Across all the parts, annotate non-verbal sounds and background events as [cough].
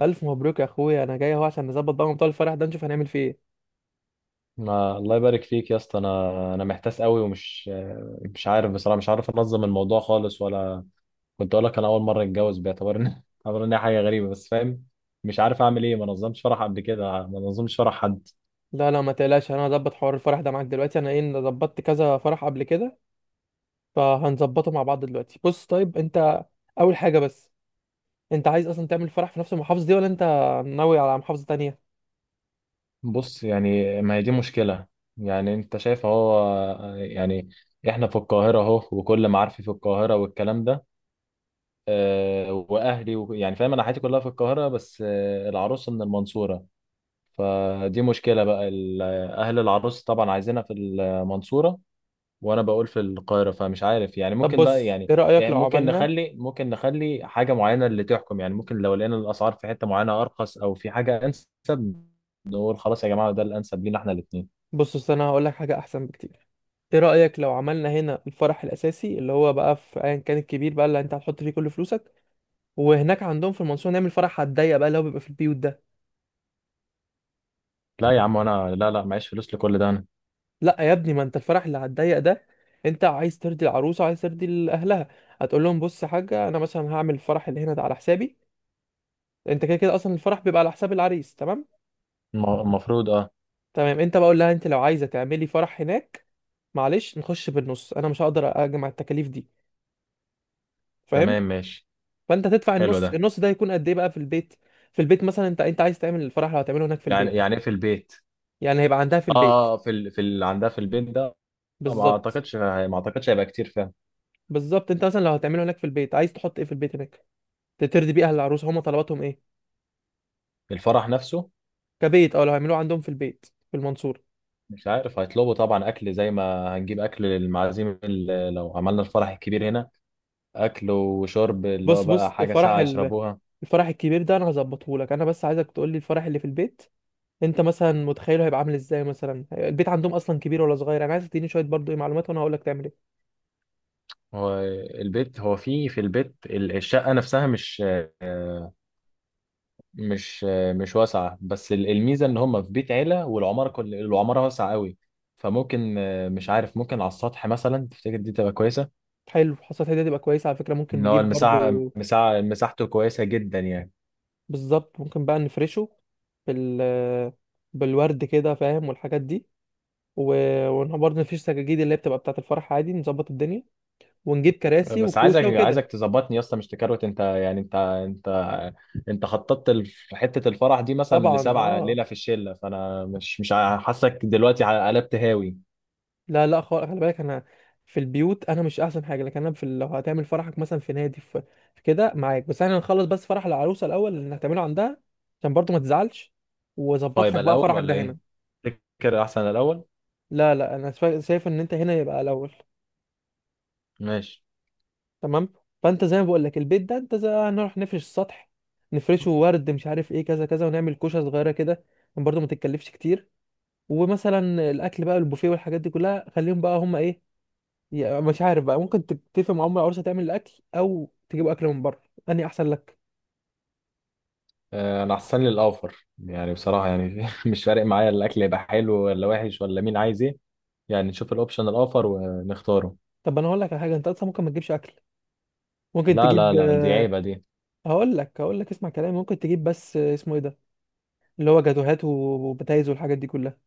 الف مبروك يا اخويا، انا جاي اهو عشان نظبط بقى موضوع الفرح ده، نشوف هنعمل فيه ايه. ما الله يبارك فيك يا اسطى. انا محتاس قوي ومش مش عارف بصراحه. مش عارف انظم الموضوع خالص. ولا كنت اقول لك انا اول مره اتجوز باعتبار ان [laughs] باعتبار ان هي حاجه غريبه بس فاهم. مش عارف اعمل ايه. ما نظمتش فرح قبل كده، ما نظمتش فرح حد. لا ما تقلقش، انا هظبط حوار الفرح ده معاك دلوقتي. انا ايه، أنا ظبطت كذا فرح قبل كده، فهنظبطه مع بعض دلوقتي. بص طيب انت، اول حاجه بس، انت عايز اصلا تعمل فرح في نفس المحافظه دي ولا انت ناوي على محافظه تانية؟ بص، يعني ما هي دي مشكله. يعني انت شايف اهو. يعني احنا في القاهره اهو وكل معارفي في القاهره والكلام ده. آه، واهلي يعني فاهم انا حياتي كلها في القاهره. بس العروسه من المنصوره. فدي مشكلة بقى أهل العروس طبعا عايزينها في المنصورة. وأنا بقول في القاهرة، فمش عارف يعني طب ممكن بقى بص يعني ايه رايك يعني لو ممكن عملنا، نخلي ممكن نخلي حاجة معينة اللي تحكم، يعني ممكن لو لقينا الأسعار في حتة معينة أرخص أو في حاجة أنسب نقول خلاص يا جماعة ده الأنسب لينا إحنا الاتنين. بص انا هقول لك حاجه احسن بكتير. ايه رايك لو عملنا هنا الفرح الاساسي، اللي هو بقى في ايا كان، الكبير بقى اللي انت هتحط فيه كل فلوسك، وهناك عندهم في المنصوره نعمل فرح هتضيق، بقى اللي هو بيبقى في البيوت ده. لا يا عم، أنا لا لا معيش فلوس لكل ده، أنا لا يا ابني، ما انت الفرح اللي هتضيق ده، انت عايز ترضي العروسه وعايز ترضي اهلها. هتقول لهم بص يا حاجه، انا مثلا هعمل الفرح اللي هنا ده على حسابي. انت كده كده اصلا الفرح بيبقى على حساب العريس، تمام. المفروض أه. تمام انت بقول لها، انت لو عايزه تعملي فرح هناك، معلش نخش بالنص، انا مش هقدر اجمع التكاليف دي، فاهم. تمام ماشي. فانت تدفع حلو النص، ده. النص ده هيكون قد ايه بقى في البيت. في البيت مثلا، انت عايز تعمل الفرح لو هتعمله هناك في يعني البيت، يعني إيه في البيت؟ يعني هيبقى عندها في أه، البيت. في في اللي عندها في البيت ده. ما بالظبط. أعتقدش ما أعتقدش هيبقى كتير، فاهم. بالظبط انت مثلا لو هتعمله هناك في البيت، عايز تحط ايه في البيت هناك ترضي بيه اهل العروسه، هما طلباتهم ايه. الفرح نفسه. كبيت اه، لو هيعملوه عندهم في البيت في المنصورة. مش عارف هيطلبوا طبعا اكل زي ما هنجيب اكل للمعازيم اللي لو عملنا الفرح الكبير هنا. اكل وشرب اللي هو بص بقى حاجه الفرح ساقعه ال... يشربوها. الفرح الكبير ده انا هظبطه لك، انا بس عايزك تقول لي الفرح اللي في البيت انت مثلا متخيله هيبقى عامل ازاي، مثلا البيت عندهم اصلا كبير ولا صغير، انا عايز تديني شويه برضو ايه معلومات وانا هقول لك تعمل ايه. هو البيت، هو في البيت الشقه نفسها آه، مش واسعه، بس الميزه ان هم في بيت عيله والعماره كل العماره واسعه قوي. فممكن مش عارف، ممكن على السطح مثلا تفتكر دي تبقى كويسه؟ حلو، حصلت هديه تبقى كويسه على فكره، ممكن ان هو نجيب برضو. المساحه مساحه مساحته كويسه جدا يعني. بالظبط، ممكن بقى نفرشه بال... بالورد كده، فاهم، والحاجات دي و... وبرضه نفيش سجاجيد اللي هي بتبقى بتاعه الفرح، عادي نظبط الدنيا، ونجيب كراسي بس عايزك وكوشه عايزك وكده. تظبطني يا اسطى، مش تكروت انت يعني انت. انت خططت حته الفرح دي مثلا طبعا لسبعه اه. ليله في الشله، فانا مش حاسك دلوقتي قلبت هاوي. لا خالص، خلي بالك انا في البيوت انا مش احسن حاجه، لكن انا في لو هتعمل فرحك مثلا في نادي، في, في كده معاك، بس احنا نخلص بس فرح العروسه الاول اللي هتعمله عندها عشان برضو ما تزعلش، هو واظبط يبقى لك بقى الاول فرحك ولا ده ايه؟ هنا. تفتكر احسن الاول؟ لا انا شايف ان انت هنا يبقى الاول. ماشي. تمام. فانت زي ما بقول لك البيت ده، انت زي هنروح نفرش السطح، نفرشه ورد، مش عارف ايه كذا كذا، ونعمل كوشه صغيره كده، برضو ما تتكلفش كتير. ومثلا الاكل بقى، البوفيه والحاجات دي كلها خليهم بقى هم ايه، يعني مش عارف بقى، ممكن تتفق مع ام العروسه تعمل الاكل او تجيب اكل من بره، انهي احسن لك. آه، انا احسن لي الاوفر يعني بصراحه، يعني [laughs] مش فارق معايا الاكل يبقى حلو ولا وحش ولا مين عايز ايه. يعني نشوف الاوبشن الاوفر ونختاره. طب انا هقول لك على حاجه، انت اصلا ممكن ما تجيبش اكل، ممكن لا تجيب لا لا، دي [laughs] عيبه دي. هقول لك اسمع كلامي، ممكن تجيب بس اسمه ايه ده، اللي هو جاتوهات وبتايز والحاجات دي كلها.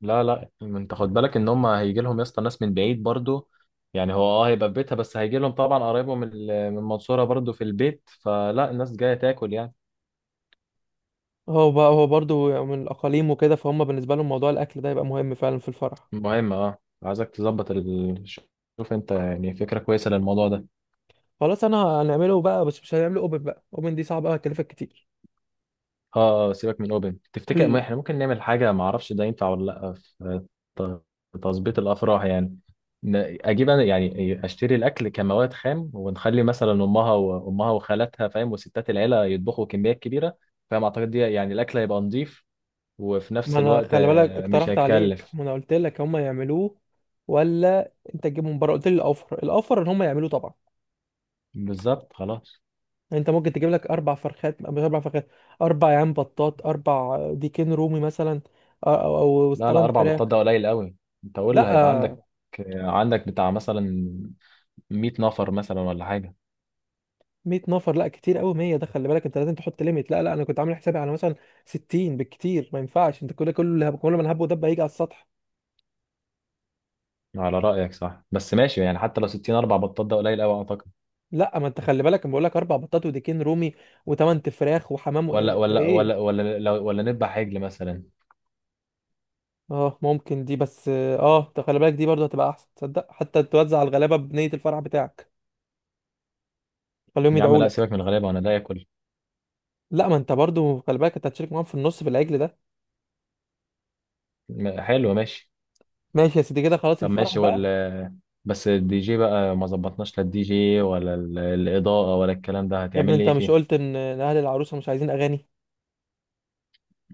لا لا، انت خد بالك ان هم هيجي لهم يا اسطى ناس من بعيد برضو. يعني هو هيبقى في بيتها بس هيجي لهم طبعا قرايبهم من المنصوره برضو في البيت، فلا الناس جايه تاكل يعني. هو بقى هو برضو من الاقاليم وكده فهم، بالنسبه لهم موضوع الاكل ده يبقى مهم فعلا في الفرح. مهم اه، عايزك تظبط شوف انت، يعني فكره كويسه للموضوع ده. خلاص انا هنعمله بقى، بس مش هنعمله اوبن بقى، اوبن دي صعبه هتكلفك كتير. اه اه، سيبك من اوبن. تفتكر ما كل احنا ممكن نعمل حاجه ما اعرفش ده ينفع ولا لا في ت- في تظبيط الافراح يعني. اجيب انا يعني اشتري الاكل كمواد خام ونخلي مثلا امها وامها وخالاتها، فاهم، وستات العيله يطبخوا كميات كبيره. فاهم، اعتقد دي يعني الاكل هيبقى نظيف، وفي ما نفس انا الوقت خلي بالك مش اقترحت عليك، هيكلف. ما انا قلت لك هم يعملوه ولا انت تجيبه من بره، قلت لي الاوفر. الاوفر ان هم يعملوه طبعا. بالظبط خلاص. يعني انت ممكن تجيب لك اربع فرخات، مش اربع فرخات، اربع عيان بطاط، اربع ديكين رومي مثلا، او او أو لا لا، ثمان اربع فراخ. بطات ده قليل قوي. انت قول هيبقى لا، عندك بتاع مثلا 100 نفر مثلا ولا حاجه. 100 نفر لا كتير قوي، 100 ده خلي بالك انت لازم تحط ليميت. لا انا كنت عامل حسابي على مثلا 60 بالكتير. ما ينفعش انت كل ما الهب ودب هيجي على السطح. على رأيك صح بس ماشي يعني، حتى لو 60 اربع بطات ده قليل قوي اعتقد. لا ما انت خلي بالك، انا بقول لك اربع بطاط وديكين رومي وثمان فراخ وحمام و... ايه؟ ولا نذبح عجل مثلا. اه ممكن دي، بس اه ده خلي بالك، دي برضه هتبقى احسن تصدق حتى، توزع الغلابه بنيه الفرح بتاعك، خليهم يا عم يدعوا لا، لك. سيبك من الغلابة وانا ده اكل. لا ما انت برضه خلي بالك انت هتشارك معاهم في النص في العجل ده. حلو ماشي. ماشي يا سيدي، كده خلاص طب الفرح ماشي بقى. بس الدي جي بقى ما ظبطناش، لا الدي جي ولا الإضاءة ولا الكلام ده، يا ابني هتعمل لي انت ايه مش فيه؟ قلت ان إن اهل العروسه مش عايزين اغاني؟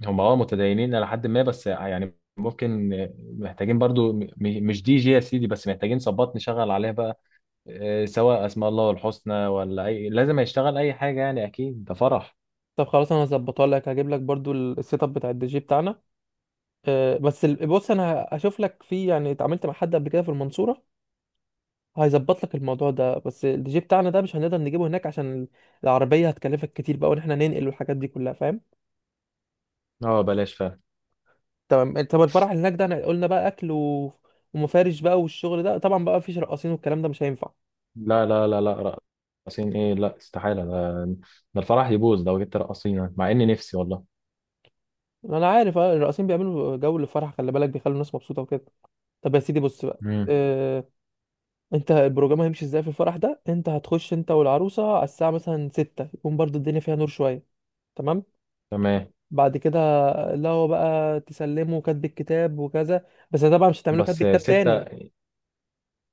هم متدينين إلى حد ما، بس يعني ممكن. محتاجين برضو مش دي جي يا سيدي، بس محتاجين صبات نشغل عليها بقى. سواء اسماء الله الحسنى ولا اي، لازم هيشتغل اي حاجة يعني، اكيد ده فرح. طب خلاص انا هظبطها لك، هجيب لك برضه السيت اب بتاع الدي جي بتاعنا. آه بس بص، انا هشوف لك في، يعني اتعاملت مع حد قبل كده في المنصوره هيظبط لك الموضوع ده، بس الدي جي بتاعنا ده مش هنقدر نجيبه هناك عشان العربيه هتكلفك كتير بقى، وان احنا ننقل والحاجات دي كلها، فاهم. اه، بلاش فعلا. تمام. طب الفرح اللي هناك ده احنا قلنا بقى اكل و... ومفارش بقى، والشغل ده طبعا بقى مفيش رقاصين والكلام ده مش هينفع. لا لا لا لا. رقصين ايه، لا استحالة ده. ده الفرح يبوظ لو جبت رقاصين، مع اني نفسي والله. انا عارف، الرقاصين بيعملوا جو للفرح، خلي بالك بيخلوا الناس مبسوطه وكده. طب يا سيدي بص بقى. امم اه... انت البروجرام هيمشي ازاي في الفرح ده؟ انت هتخش انت والعروسه على الساعه مثلا 6، يكون برضو الدنيا فيها نور شويه، تمام. تمام، بعد كده، لا هو بقى تسلمه كاتب الكتاب وكذا، بس طبعا مش هتعمله كاتب بس كتاب 6. تاني.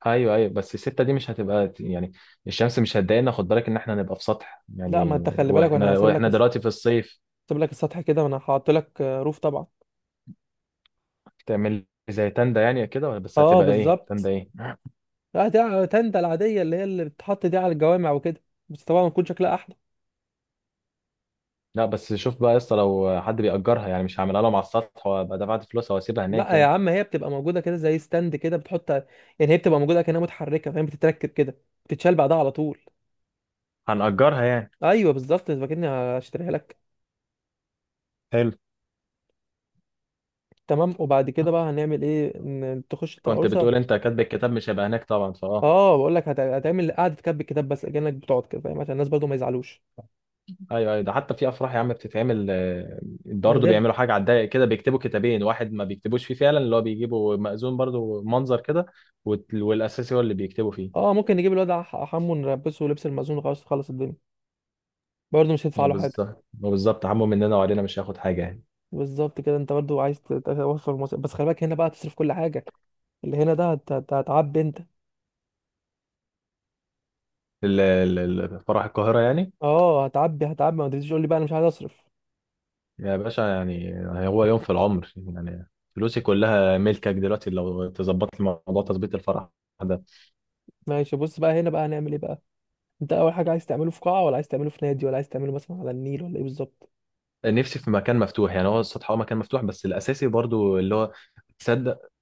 ايوه ايوه، بس الستة دي مش هتبقى يعني الشمس مش هتضايقنا، خد بالك ان احنا نبقى في سطح لا ما انت يعني. خلي بالك، وانا واحنا هسيب لك واحنا هسيب دلوقتي في الصيف. لك السطح كده، وانا هحط لك روف طبعا. تعمل لي زي تندة يعني كده، ولا بس اه هتبقى ايه تندة بالظبط. ايه؟ لا ده تندة العادية اللي هي اللي بتتحط دي على الجوامع وكده، بس طبعا بتكون شكلها أحلى. لا بس شوف بقى يا اسطى لو حد بيأجرها، يعني مش هعملها لهم على السطح وابقى دفعت فلوسها واسيبها لا هناك يا يعني. عم، هي بتبقى موجودة كده زي ستاند كده بتحط يعني، هي بتبقى موجودة كأنها متحركة، فاهم، بتتركب كده بتتشال بعدها على طول. هنأجرها يعني. أيوه بالظبط، أنت فاكرني هشتريها لك. حلو. تمام، وبعد كده بقى هنعمل إيه إن تخش كنت العروسة. بتقول انت كاتب الكتاب مش هيبقى هناك طبعا، أه بقول لك، هتعمل قعدة كتب الكتاب، بس كأنك بتقعد كده فاهم عشان الناس برضو ما يزعلوش ايوه ايوه، ده حتى في افراح يا عم بتتعمل من برضه غير. بيعملوا حاجه على الضيق كده، بيكتبوا كتابين واحد ما بيكتبوش فيه فعلا، اللي هو بيجيبوا مأذون برضه منظر كده، والاساسي هو اللي بيكتبوا فيه. أه ممكن نجيب الواد حمو نلبسه لبس المأذون، خلاص تخلص الدنيا، برضه مش هيدفع له حاجة. وبالظبط وبالظبط، عمو مننا وعلينا مش هياخد حاجه يعني. بالظبط كده، انت برضو عايز توفر مصاريف، بس خلي بالك هنا بقى تصرف كل حاجه. اللي هنا ده هتعبي انت. فرح القاهره يعني. اه هتعبي هتعبي، ما تجيش تقول لي بقى انا مش عايز اصرف. يا باشا يعني، هو يوم في العمر يعني، فلوسي كلها ملكك دلوقتي لو تظبط لي موضوع تظبيط الفرح ده. ماشي، بص بقى هنا بقى هنعمل ايه بقى. انت اول حاجه، عايز تعمله في قاعه ولا عايز تعمله في نادي ولا عايز تعمله مثلا على النيل ولا ايه بالظبط؟ نفسي في مكان مفتوح، يعني هو السطح هو مكان مفتوح بس الاساسي برضه اللي هو تصدق.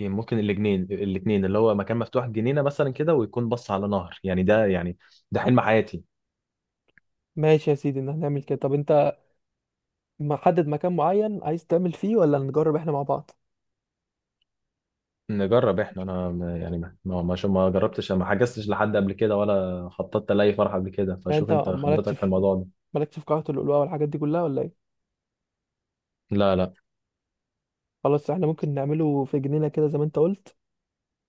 يعني ممكن الاثنين اللي هو مكان مفتوح جنينه مثلا كده ويكون بص على نهر، يعني ده يعني ده حلم حياتي. ماشي يا سيدي، ان هنعمل كده. طب انت محدد مكان معين عايز تعمل فيه ولا نجرب احنا مع بعض؟ نجرب احنا، انا ما جربتش ما حجزتش لحد قبل كده ولا خططت لاي فرح قبل كده، يعني فشوف انت انت مالكش خبرتك في في الموضوع ده. مالكش في قاعه اللؤلؤه والحاجات دي كلها ولا ايه؟ لا لا خلاص احنا ممكن نعمله في جنينه كده زي ما انت قلت،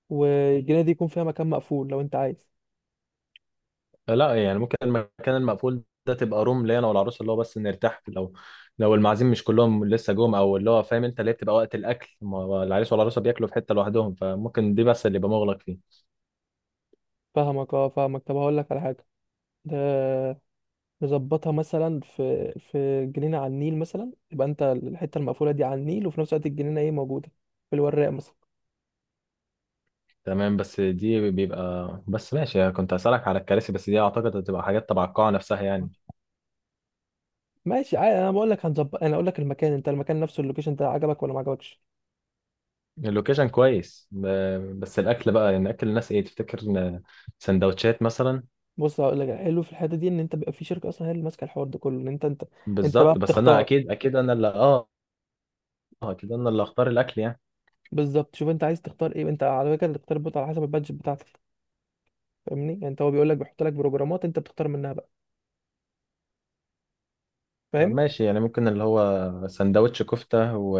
والجنينه دي يكون فيها مكان مقفول لو انت عايز. لا، يعني ممكن المكان المقفول ده تبقى روم ليا انا والعروسه اللي هو بس نرتاح لو لو المعازيم مش كلهم لسه جم، او اللي هو فاهم انت اللي هي بتبقى وقت الاكل ما هو العريس والعروسه بياكلوا في حته لوحدهم، فممكن دي بس اللي يبقى مغلق فيه. فاهمك اه فاهمك. طب هقول لك على حاجه ده، نظبطها مثلا في جنينه على النيل مثلا، يبقى انت الحته المقفوله دي على النيل وفي نفس الوقت الجنينه ايه موجوده في الوراق مثلا. تمام بس دي بيبقى، بس ماشي، كنت هسألك على الكراسي بس دي أعتقد هتبقى حاجات تبع القاعة نفسها يعني. ماشي عادي، انا بقول لك هنظبط، انا اقول لك المكان، انت المكان نفسه اللوكيشن ده عجبك ولا ما عجبكش؟ اللوكيشن كويس، بس الأكل بقى، يعني أكل الناس إيه تفتكر إن سندوتشات مثلا؟ بص هقول لك، الحلو في الحته دي ان انت بيبقى في شركه اصلا هي اللي ماسكه الحوار ده كله، ان انت انت بقى بالظبط، بس أنا بتختار. أكيد أكيد أنا اللي أكيد أنا اللي هختار الأكل يعني. بالظبط، شوف انت عايز تختار ايه، انت على فكره اللي تختار البوت على حسب البادجت بتاعتك، فاهمني، يعني انت هو بيقول لك، بيحط لك بروجرامات انت بتختار منها بقى، طب فاهم. ماشي، يعني ممكن اللي هو سندوتش كفتة و...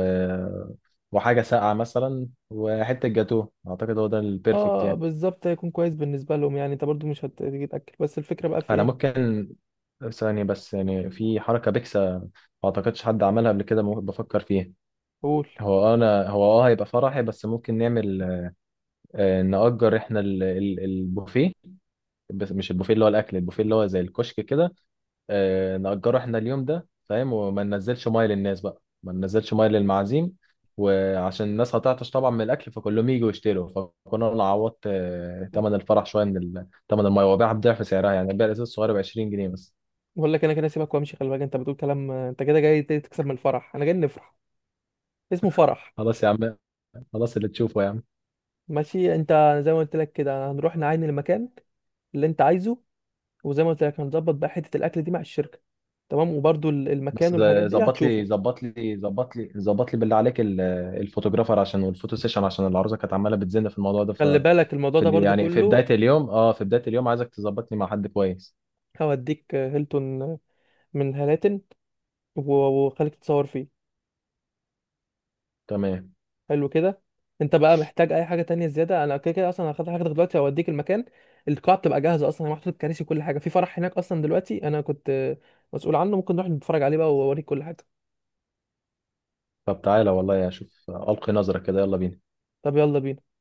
وحاجة ساقعة مثلا وحتة جاتوه، أعتقد هو ده البيرفكت اه يعني. بالظبط، هيكون كويس بالنسبه لهم، يعني انت برضو مش هتيجي تاكل، بس الفكره بقى في انا ايه. ممكن ثانية بس، يعني في حركة بيكسا ما اعتقدش حد عملها قبل كده، ممكن بفكر فيها. قول. هو انا هو اه هيبقى فرحي، بس ممكن نعمل نأجر احنا البوفيه. بس مش البوفيه اللي هو الاكل، البوفيه اللي هو زي الكشك كده. نأجره احنا اليوم ده، فاهم، وما ننزلش ميه للناس بقى ما ننزلش ميه للمعازيم. وعشان الناس هتعطش طبعا من الاكل فكلهم يجوا يشتروا. فكنا انا عوضت تمن الفرح شويه من تمن الميه، وبيعها بضعف سعرها، يعني البيع الازاز الصغير ب 20 جنيه بس. بقول لك انا كده سيبك وامشي، خلي بالك انت بتقول كلام، انت كده جاي تكسب من الفرح، انا جاي نفرح. اسمه فرح. خلاص يا عم. خلاص اللي تشوفه يا عم. ماشي. انت زي ما قلت لك كده، هنروح نعاين المكان اللي انت عايزه، وزي ما قلت لك هنظبط بقى حته الاكل دي مع الشركه، تمام. وبرضو المكان بس والحاجات دي ظبط لي هتشوفه. ظبط لي ظبط لي ظبط لي بالله عليك الفوتوغرافر عشان والفوتو سيشن عشان العروسه كانت عماله بتزن في الموضوع ده خلي بالك الموضوع في ده اللي برضو يعني في كله. بدايه اليوم اه في بدايه اليوم، عايزك تظبطني مع حد كويس. هوديك هيلتون من هلاتن وخليك تتصور فيه. تمام. حلو كده. انت بقى محتاج اي حاجه تانية زياده؟ انا كده كده اصلا هاخد حاجتك دلوقتي واوديك المكان. القاعه بتبقى جاهزه اصلا، محطوط الكراسي وكل حاجه في فرح هناك اصلا دلوقتي، انا كنت مسؤول عنه، ممكن نروح نتفرج عليه بقى واوريك كل حاجه. طب تعالى والله اشوف القي نظره كده، يلا بينا. طب يلا بينا.